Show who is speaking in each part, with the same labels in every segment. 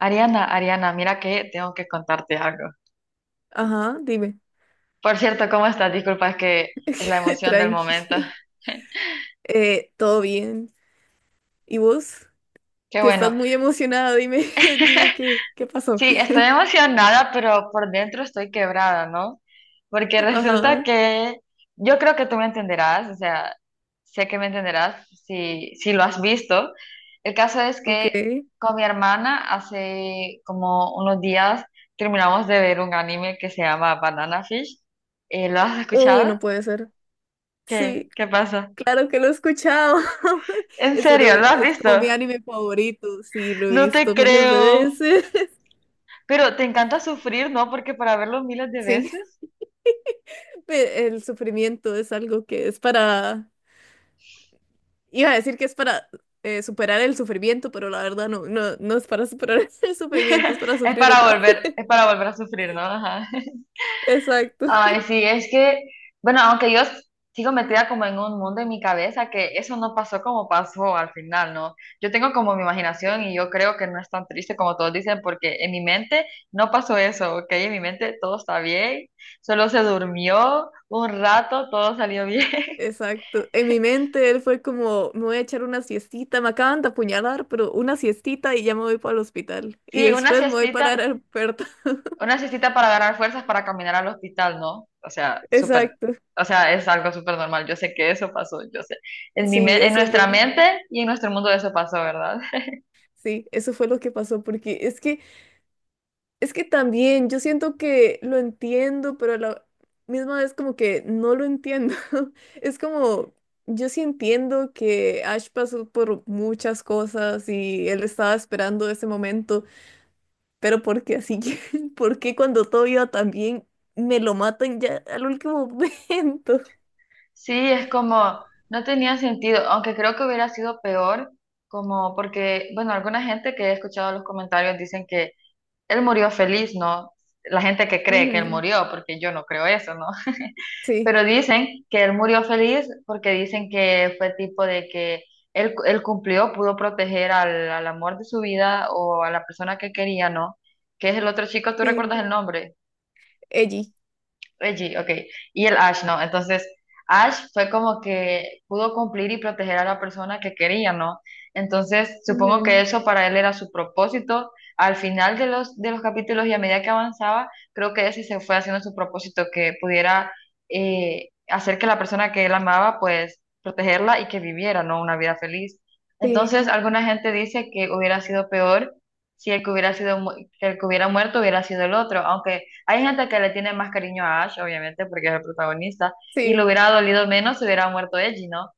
Speaker 1: Ariana, Ariana, mira que tengo que contarte algo.
Speaker 2: Ajá, dime.
Speaker 1: Por cierto, ¿cómo estás? Disculpa, es que es la emoción del momento.
Speaker 2: Tranqui. Todo bien. ¿Y vos?
Speaker 1: Qué
Speaker 2: Que estás
Speaker 1: bueno.
Speaker 2: muy emocionada, dime, dime qué pasó.
Speaker 1: Sí, estoy emocionada, pero por dentro estoy quebrada, ¿no? Porque resulta
Speaker 2: Ajá,
Speaker 1: que yo creo que tú me entenderás, o sea, sé que me entenderás si lo has visto. El caso es
Speaker 2: ok.
Speaker 1: que con mi hermana hace como unos días terminamos de ver un anime que se llama Banana Fish. ¿Lo has
Speaker 2: Uy, no
Speaker 1: escuchado?
Speaker 2: puede ser.
Speaker 1: ¿Qué?
Speaker 2: Sí,
Speaker 1: ¿Qué pasa?
Speaker 2: claro que lo he escuchado.
Speaker 1: En
Speaker 2: Es uno,
Speaker 1: serio, ¿lo has
Speaker 2: es
Speaker 1: visto?
Speaker 2: como mi anime favorito. Sí, lo he
Speaker 1: No te
Speaker 2: visto miles de
Speaker 1: creo.
Speaker 2: veces.
Speaker 1: Pero te encanta sufrir, ¿no? Porque para verlo miles de
Speaker 2: Sí,
Speaker 1: veces
Speaker 2: el sufrimiento es algo que es iba a decir que es para superar el sufrimiento, pero la verdad no es para superar el sufrimiento, es para sufrir otra.
Speaker 1: es para volver a sufrir, ¿no? Ajá.
Speaker 2: Exacto.
Speaker 1: Ay, sí, es que, bueno, sigo metida como en un mundo en mi cabeza, que eso no pasó como pasó al final, ¿no? Yo tengo como mi imaginación
Speaker 2: Sí,
Speaker 1: y yo creo que no es tan triste como todos dicen, porque en mi mente no pasó eso, ¿ok? En mi mente todo está bien, solo se durmió un rato, todo salió bien.
Speaker 2: exacto. En mi mente él fue como, me voy a echar una siestita, me acaban de apuñalar, pero una siestita y ya me voy para el hospital. Y
Speaker 1: Sí, una
Speaker 2: después me voy para
Speaker 1: siestita.
Speaker 2: el aeropuerto.
Speaker 1: Una siestita para ganar fuerzas para caminar al hospital, ¿no? O sea, súper,
Speaker 2: Exacto.
Speaker 1: o sea, es algo súper normal. Yo sé que eso pasó, yo sé.
Speaker 2: Sí,
Speaker 1: En
Speaker 2: eso es
Speaker 1: nuestra mente y en nuestro mundo eso pasó, ¿verdad?
Speaker 2: sí, eso fue lo que pasó, porque es es que también yo siento que lo entiendo, pero a la misma vez como que no lo entiendo. Es como, yo sí entiendo que Ash pasó por muchas cosas y él estaba esperando ese momento. Pero porque así que, ¿por qué cuando todo iba tan bien me lo matan ya al último momento?
Speaker 1: Sí, es como, no tenía sentido, aunque creo que hubiera sido peor, como porque, bueno, alguna gente que he escuchado los comentarios dicen que él murió feliz, ¿no? La gente que cree que él
Speaker 2: Ujú.
Speaker 1: murió, porque yo no creo eso, ¿no?
Speaker 2: Sí,
Speaker 1: Pero dicen que él murió feliz porque dicen que fue tipo de que él cumplió, pudo proteger al amor de su vida o a la persona que quería, ¿no? Que es el otro chico, ¿tú
Speaker 2: sí,
Speaker 1: recuerdas el nombre?
Speaker 2: Ellie.
Speaker 1: Reggie, ok. Y el Ash, ¿no? Entonces, Ash fue como que pudo cumplir y proteger a la persona que quería, ¿no? Entonces, supongo que
Speaker 2: Ujú.
Speaker 1: eso para él era su propósito. Al final de los capítulos y a medida que avanzaba, creo que ese se fue haciendo su propósito, que pudiera hacer que la persona que él amaba, pues, protegerla y que viviera, ¿no? Una vida feliz.
Speaker 2: Sí,
Speaker 1: Entonces, alguna gente dice que hubiera sido peor si el que hubiera sido, mu- que el que hubiera muerto hubiera sido el otro, aunque hay gente que le tiene más cariño a Ash, obviamente, porque es el protagonista, y le
Speaker 2: sí,
Speaker 1: hubiera dolido menos si hubiera muerto Eiji, ¿no?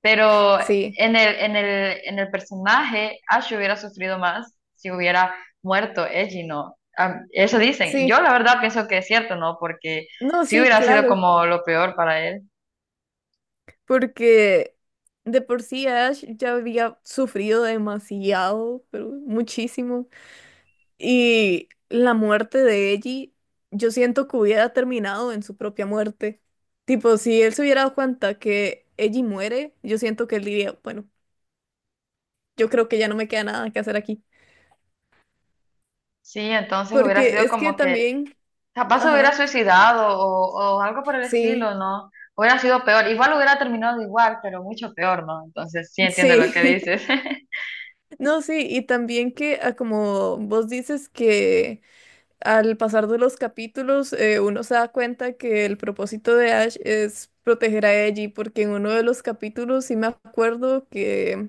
Speaker 1: Pero
Speaker 2: sí,
Speaker 1: en el personaje, Ash hubiera sufrido más si hubiera muerto Eiji, ¿no? Eso dicen. Yo
Speaker 2: sí.
Speaker 1: la verdad pienso que es cierto, ¿no? Porque
Speaker 2: No,
Speaker 1: sí
Speaker 2: sí,
Speaker 1: hubiera sido
Speaker 2: claro.
Speaker 1: como lo peor para él.
Speaker 2: Porque de por sí Ash ya había sufrido demasiado, pero muchísimo. Y la muerte de Ellie, yo siento que hubiera terminado en su propia muerte. Tipo, si él se hubiera dado cuenta que Ellie muere, yo siento que él diría, bueno, yo creo que ya no me queda nada que hacer aquí.
Speaker 1: Sí, entonces hubiera
Speaker 2: Porque
Speaker 1: sido
Speaker 2: es que
Speaker 1: como que
Speaker 2: también,
Speaker 1: capaz se hubiera
Speaker 2: ajá,
Speaker 1: suicidado o algo por el
Speaker 2: sí,
Speaker 1: estilo, ¿no? Hubiera sido peor. Igual hubiera terminado igual, pero mucho peor, ¿no? Entonces sí entiendo lo que
Speaker 2: sí,
Speaker 1: dices.
Speaker 2: no, sí, y también que ah, como vos dices que al pasar de los capítulos uno se da cuenta que el propósito de Ash es proteger a Ellie, porque en uno de los capítulos sí me acuerdo que...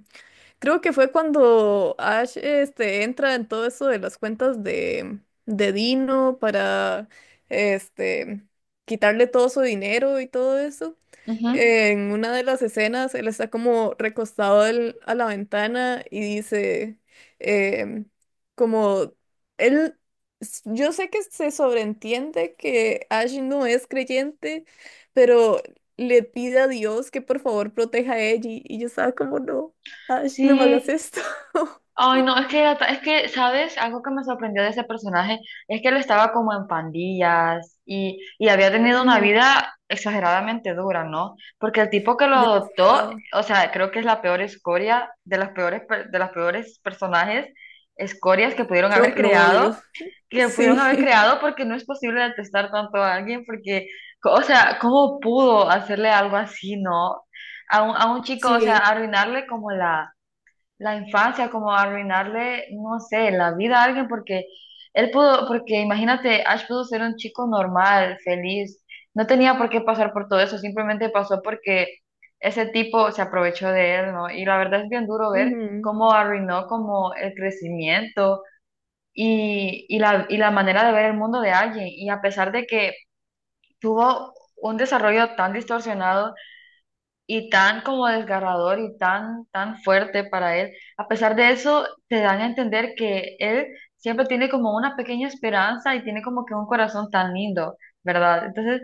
Speaker 2: Creo que fue cuando Ash entra en todo eso de las cuentas de Dino para este, quitarle todo su dinero y todo eso.
Speaker 1: Ujú.
Speaker 2: En una de las escenas, él está como recostado a la ventana y dice, em, como, él, yo sé que se sobreentiende que Ash no es creyente, pero le pide a Dios que por favor proteja a ella y yo estaba como, no, Ash, no me
Speaker 1: Sí,
Speaker 2: hagas esto.
Speaker 1: ay no, es que, ¿sabes? Algo que me sorprendió de ese personaje es que él estaba como en pandillas y había tenido una
Speaker 2: Ujú,
Speaker 1: vida exageradamente dura, ¿no? Porque el tipo que lo adoptó,
Speaker 2: demasiado.
Speaker 1: o sea, creo que es la peor escoria de de las peores personajes, escorias que pudieron
Speaker 2: Yo
Speaker 1: haber
Speaker 2: lo odio.
Speaker 1: creado, que pudieron haber
Speaker 2: Sí,
Speaker 1: creado porque no es posible detestar tanto a alguien porque, o sea, ¿cómo pudo hacerle algo así, ¿no? A un chico, o sea,
Speaker 2: sí,
Speaker 1: arruinarle como la infancia, como arruinarle, no sé, la vida a alguien, porque él pudo, porque imagínate, Ash pudo ser un chico normal, feliz, no tenía por qué pasar por todo eso, simplemente pasó porque ese tipo se aprovechó de él, ¿no? Y la verdad es bien duro ver
Speaker 2: ujú,
Speaker 1: cómo arruinó como el crecimiento y la manera de ver el mundo de alguien, y a pesar de que tuvo un desarrollo tan distorsionado, y tan como desgarrador y tan, tan fuerte para él. A pesar de eso, te dan a entender que él siempre tiene como una pequeña esperanza y tiene como que un corazón tan lindo, ¿verdad? Entonces,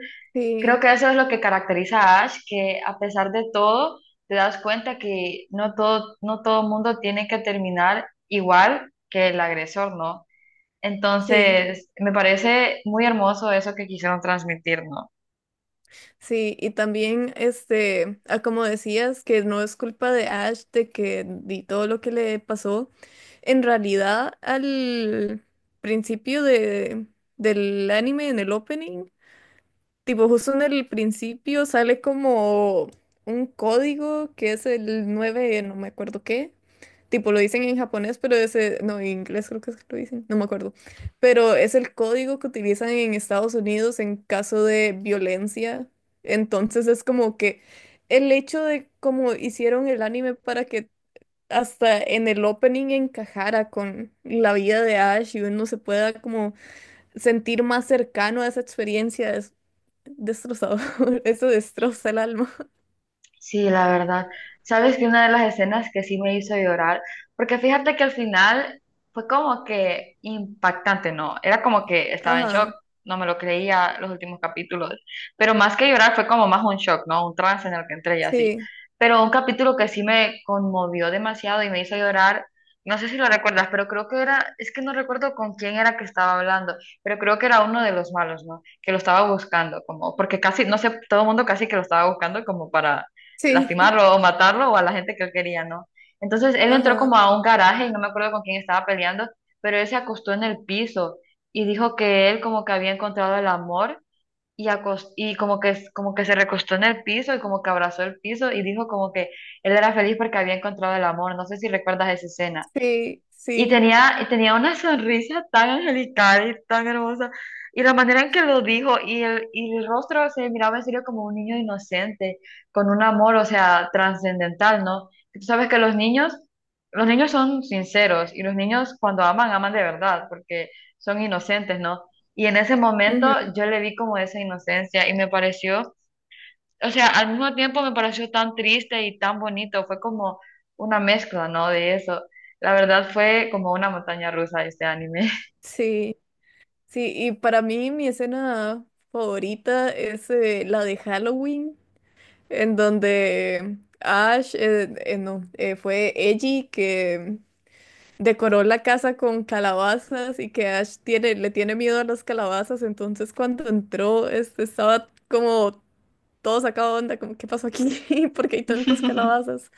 Speaker 1: creo
Speaker 2: sí,
Speaker 1: que eso es lo que caracteriza a Ash, que a pesar de todo, te das cuenta que no todo, no todo mundo tiene que terminar igual que el agresor, ¿no?
Speaker 2: sí.
Speaker 1: Entonces, me parece muy hermoso eso que quisieron transmitir, ¿no?
Speaker 2: Sí, y también, este, ah, como decías, que no es culpa de Ash de que di todo lo que le pasó. En realidad, al principio del anime, en el opening, tipo justo en el principio sale como un código que es el 9 no me acuerdo qué. Tipo, lo dicen en japonés, pero ese, no, en inglés creo que es que lo dicen, no me acuerdo. Pero es el código que utilizan en Estados Unidos en caso de violencia. Entonces es como que el hecho de cómo hicieron el anime para que hasta en el opening encajara con la vida de Ash y uno se pueda como sentir más cercano a esa experiencia es destrozador. Eso destroza el alma.
Speaker 1: Sí, la verdad. Sabes que una de las escenas que sí me hizo llorar, porque fíjate que al final fue como que impactante, ¿no? Era como que estaba en shock,
Speaker 2: Ajá.
Speaker 1: no me lo creía los últimos capítulos, pero más que llorar fue como más un shock, ¿no? Un trance en el que entré y así.
Speaker 2: Sí,
Speaker 1: Pero un capítulo que sí me conmovió demasiado y me hizo llorar, no sé si lo recuerdas, pero creo que era, es que no recuerdo con quién era que estaba hablando, pero creo que era uno de los malos, ¿no? Que lo estaba buscando, como, porque casi, no sé, todo el mundo casi que lo estaba buscando como para
Speaker 2: sí,
Speaker 1: lastimarlo o matarlo o a la gente que él quería, ¿no? Entonces él entró
Speaker 2: ajá.
Speaker 1: como a un garaje y no me acuerdo con quién estaba peleando, pero él se acostó en el piso y dijo que él como que había encontrado el amor y como que se recostó en el piso y como que abrazó el piso y dijo como que él era feliz porque había encontrado el amor. No sé si recuerdas esa escena.
Speaker 2: Sí,
Speaker 1: Y
Speaker 2: sí.
Speaker 1: tenía, y tenía una sonrisa tan angelical y tan hermosa. Y la manera en que lo dijo y el rostro se miraba en serio como un niño inocente, con un amor, o sea, trascendental, ¿no? Tú sabes que los niños son sinceros y los niños cuando aman, aman de verdad, porque son inocentes, ¿no? Y en ese momento yo le vi como esa inocencia y me pareció o sea, al mismo tiempo me pareció tan triste y tan bonito, fue como una mezcla, ¿no? De eso. La verdad fue como una montaña rusa este anime.
Speaker 2: Sí, sí, y para mí mi escena favorita es la de Halloween, en donde Ash, no, fue Ellie que decoró la casa con calabazas y que Ash tiene, le tiene miedo a las calabazas, entonces cuando entró este, estaba como todo sacado de onda, como ¿qué pasó aquí? ¿Por qué hay tantas calabazas?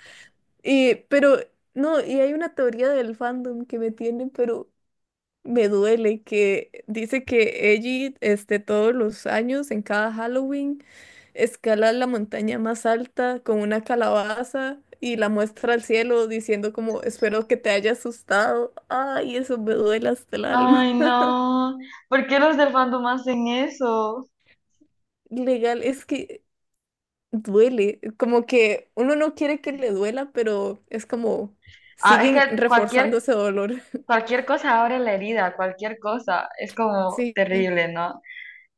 Speaker 2: Y, pero, no, y hay una teoría del fandom que me tiene, pero me duele que dice que Ellie, este, todos los años, en cada Halloween, escala la montaña más alta con una calabaza y la muestra al cielo diciendo como, espero que te haya asustado. Ay, eso me duele hasta el alma.
Speaker 1: Ay, no. ¿Por qué los del fandom hacen eso?
Speaker 2: Legal, es que duele, como que uno no quiere que le duela, pero es como,
Speaker 1: Ah, es
Speaker 2: siguen
Speaker 1: que
Speaker 2: reforzando
Speaker 1: cualquier,
Speaker 2: ese dolor.
Speaker 1: cualquier cosa abre la herida, cualquier cosa. Es como
Speaker 2: Sí.
Speaker 1: terrible, ¿no?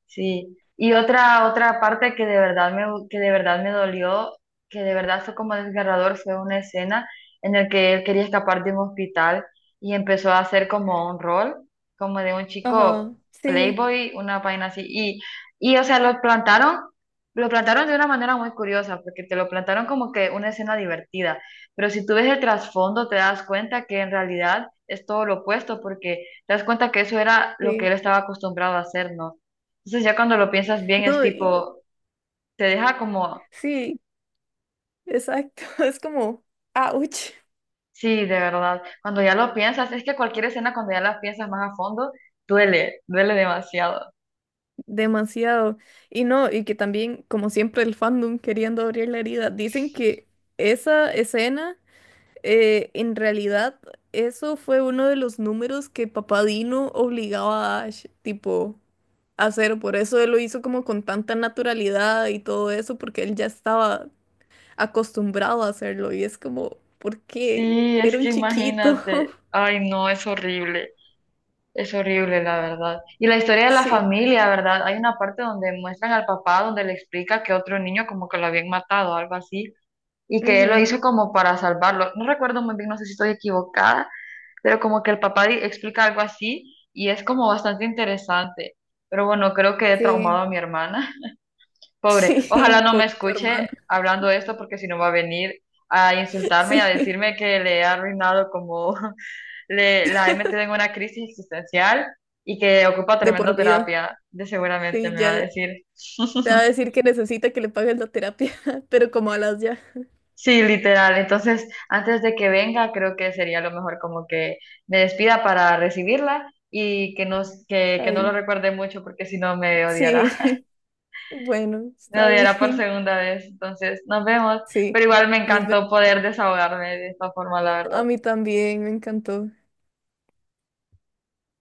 Speaker 1: Sí, y otra parte que de verdad me que de verdad me dolió, que de verdad fue como desgarrador, fue una escena en la que él quería escapar de un hospital y empezó a hacer como un rol, como de un chico
Speaker 2: Ajá, sí,
Speaker 1: playboy, una vaina así y o sea, lo plantaron de una manera muy curiosa, porque te lo plantaron como que una escena divertida, pero si tú ves el trasfondo te das cuenta que en realidad es todo lo opuesto, porque te das cuenta que eso era lo que
Speaker 2: sí.
Speaker 1: él estaba acostumbrado a hacer, ¿no? Entonces ya cuando lo piensas bien es
Speaker 2: No,
Speaker 1: tipo, te deja como,
Speaker 2: sí. Exacto, es como, ouch,
Speaker 1: sí, de verdad, cuando ya lo piensas, es que cualquier escena cuando ya la piensas más a fondo, duele, duele demasiado.
Speaker 2: demasiado. Y no, y que también, como siempre, el fandom queriendo abrir la herida, dicen que esa escena, en realidad, eso fue uno de los números que Papá Dino obligaba a Ash, tipo, a hacer. Por eso él lo hizo como con tanta naturalidad y todo eso, porque él ya estaba acostumbrado a hacerlo. Y es como, ¿por qué?
Speaker 1: Sí, es
Speaker 2: Era un
Speaker 1: que
Speaker 2: chiquito.
Speaker 1: imagínate, ay no, es horrible la verdad. Y la historia de la
Speaker 2: Sí.
Speaker 1: familia, ¿verdad? Hay una parte donde muestran al papá, donde le explica que otro niño como que lo habían matado, algo así, y que él lo hizo
Speaker 2: Ujú.
Speaker 1: como para salvarlo. No recuerdo muy bien, no sé si estoy equivocada pero como que explica algo así y es como bastante interesante. Pero bueno, creo que he traumado
Speaker 2: Sí.
Speaker 1: a mi hermana. Pobre, ojalá
Speaker 2: Sí,
Speaker 1: no me
Speaker 2: pobre tu
Speaker 1: escuche
Speaker 2: hermana.
Speaker 1: hablando esto porque si no va a venir a insultarme y a
Speaker 2: Sí,
Speaker 1: decirme que le he arruinado como la he metido en una crisis existencial y que ocupa
Speaker 2: de por
Speaker 1: tremenda
Speaker 2: vida.
Speaker 1: terapia, de seguramente
Speaker 2: Sí,
Speaker 1: me va a
Speaker 2: ya
Speaker 1: decir.
Speaker 2: te va a decir que necesita que le pagues la terapia, pero como a las ya.
Speaker 1: Sí, literal. Entonces, antes de que venga, creo que sería lo mejor como que me despida para recibirla y que no, que no lo
Speaker 2: Ay,
Speaker 1: recuerde mucho porque si no me
Speaker 2: sí,
Speaker 1: odiará.
Speaker 2: bueno,
Speaker 1: Me
Speaker 2: está
Speaker 1: odiará por
Speaker 2: bien.
Speaker 1: segunda vez. Entonces, nos vemos.
Speaker 2: Sí,
Speaker 1: Pero igual me
Speaker 2: nos vemos.
Speaker 1: encantó poder desahogarme de esta forma, la
Speaker 2: A
Speaker 1: verdad.
Speaker 2: mí también, me encantó.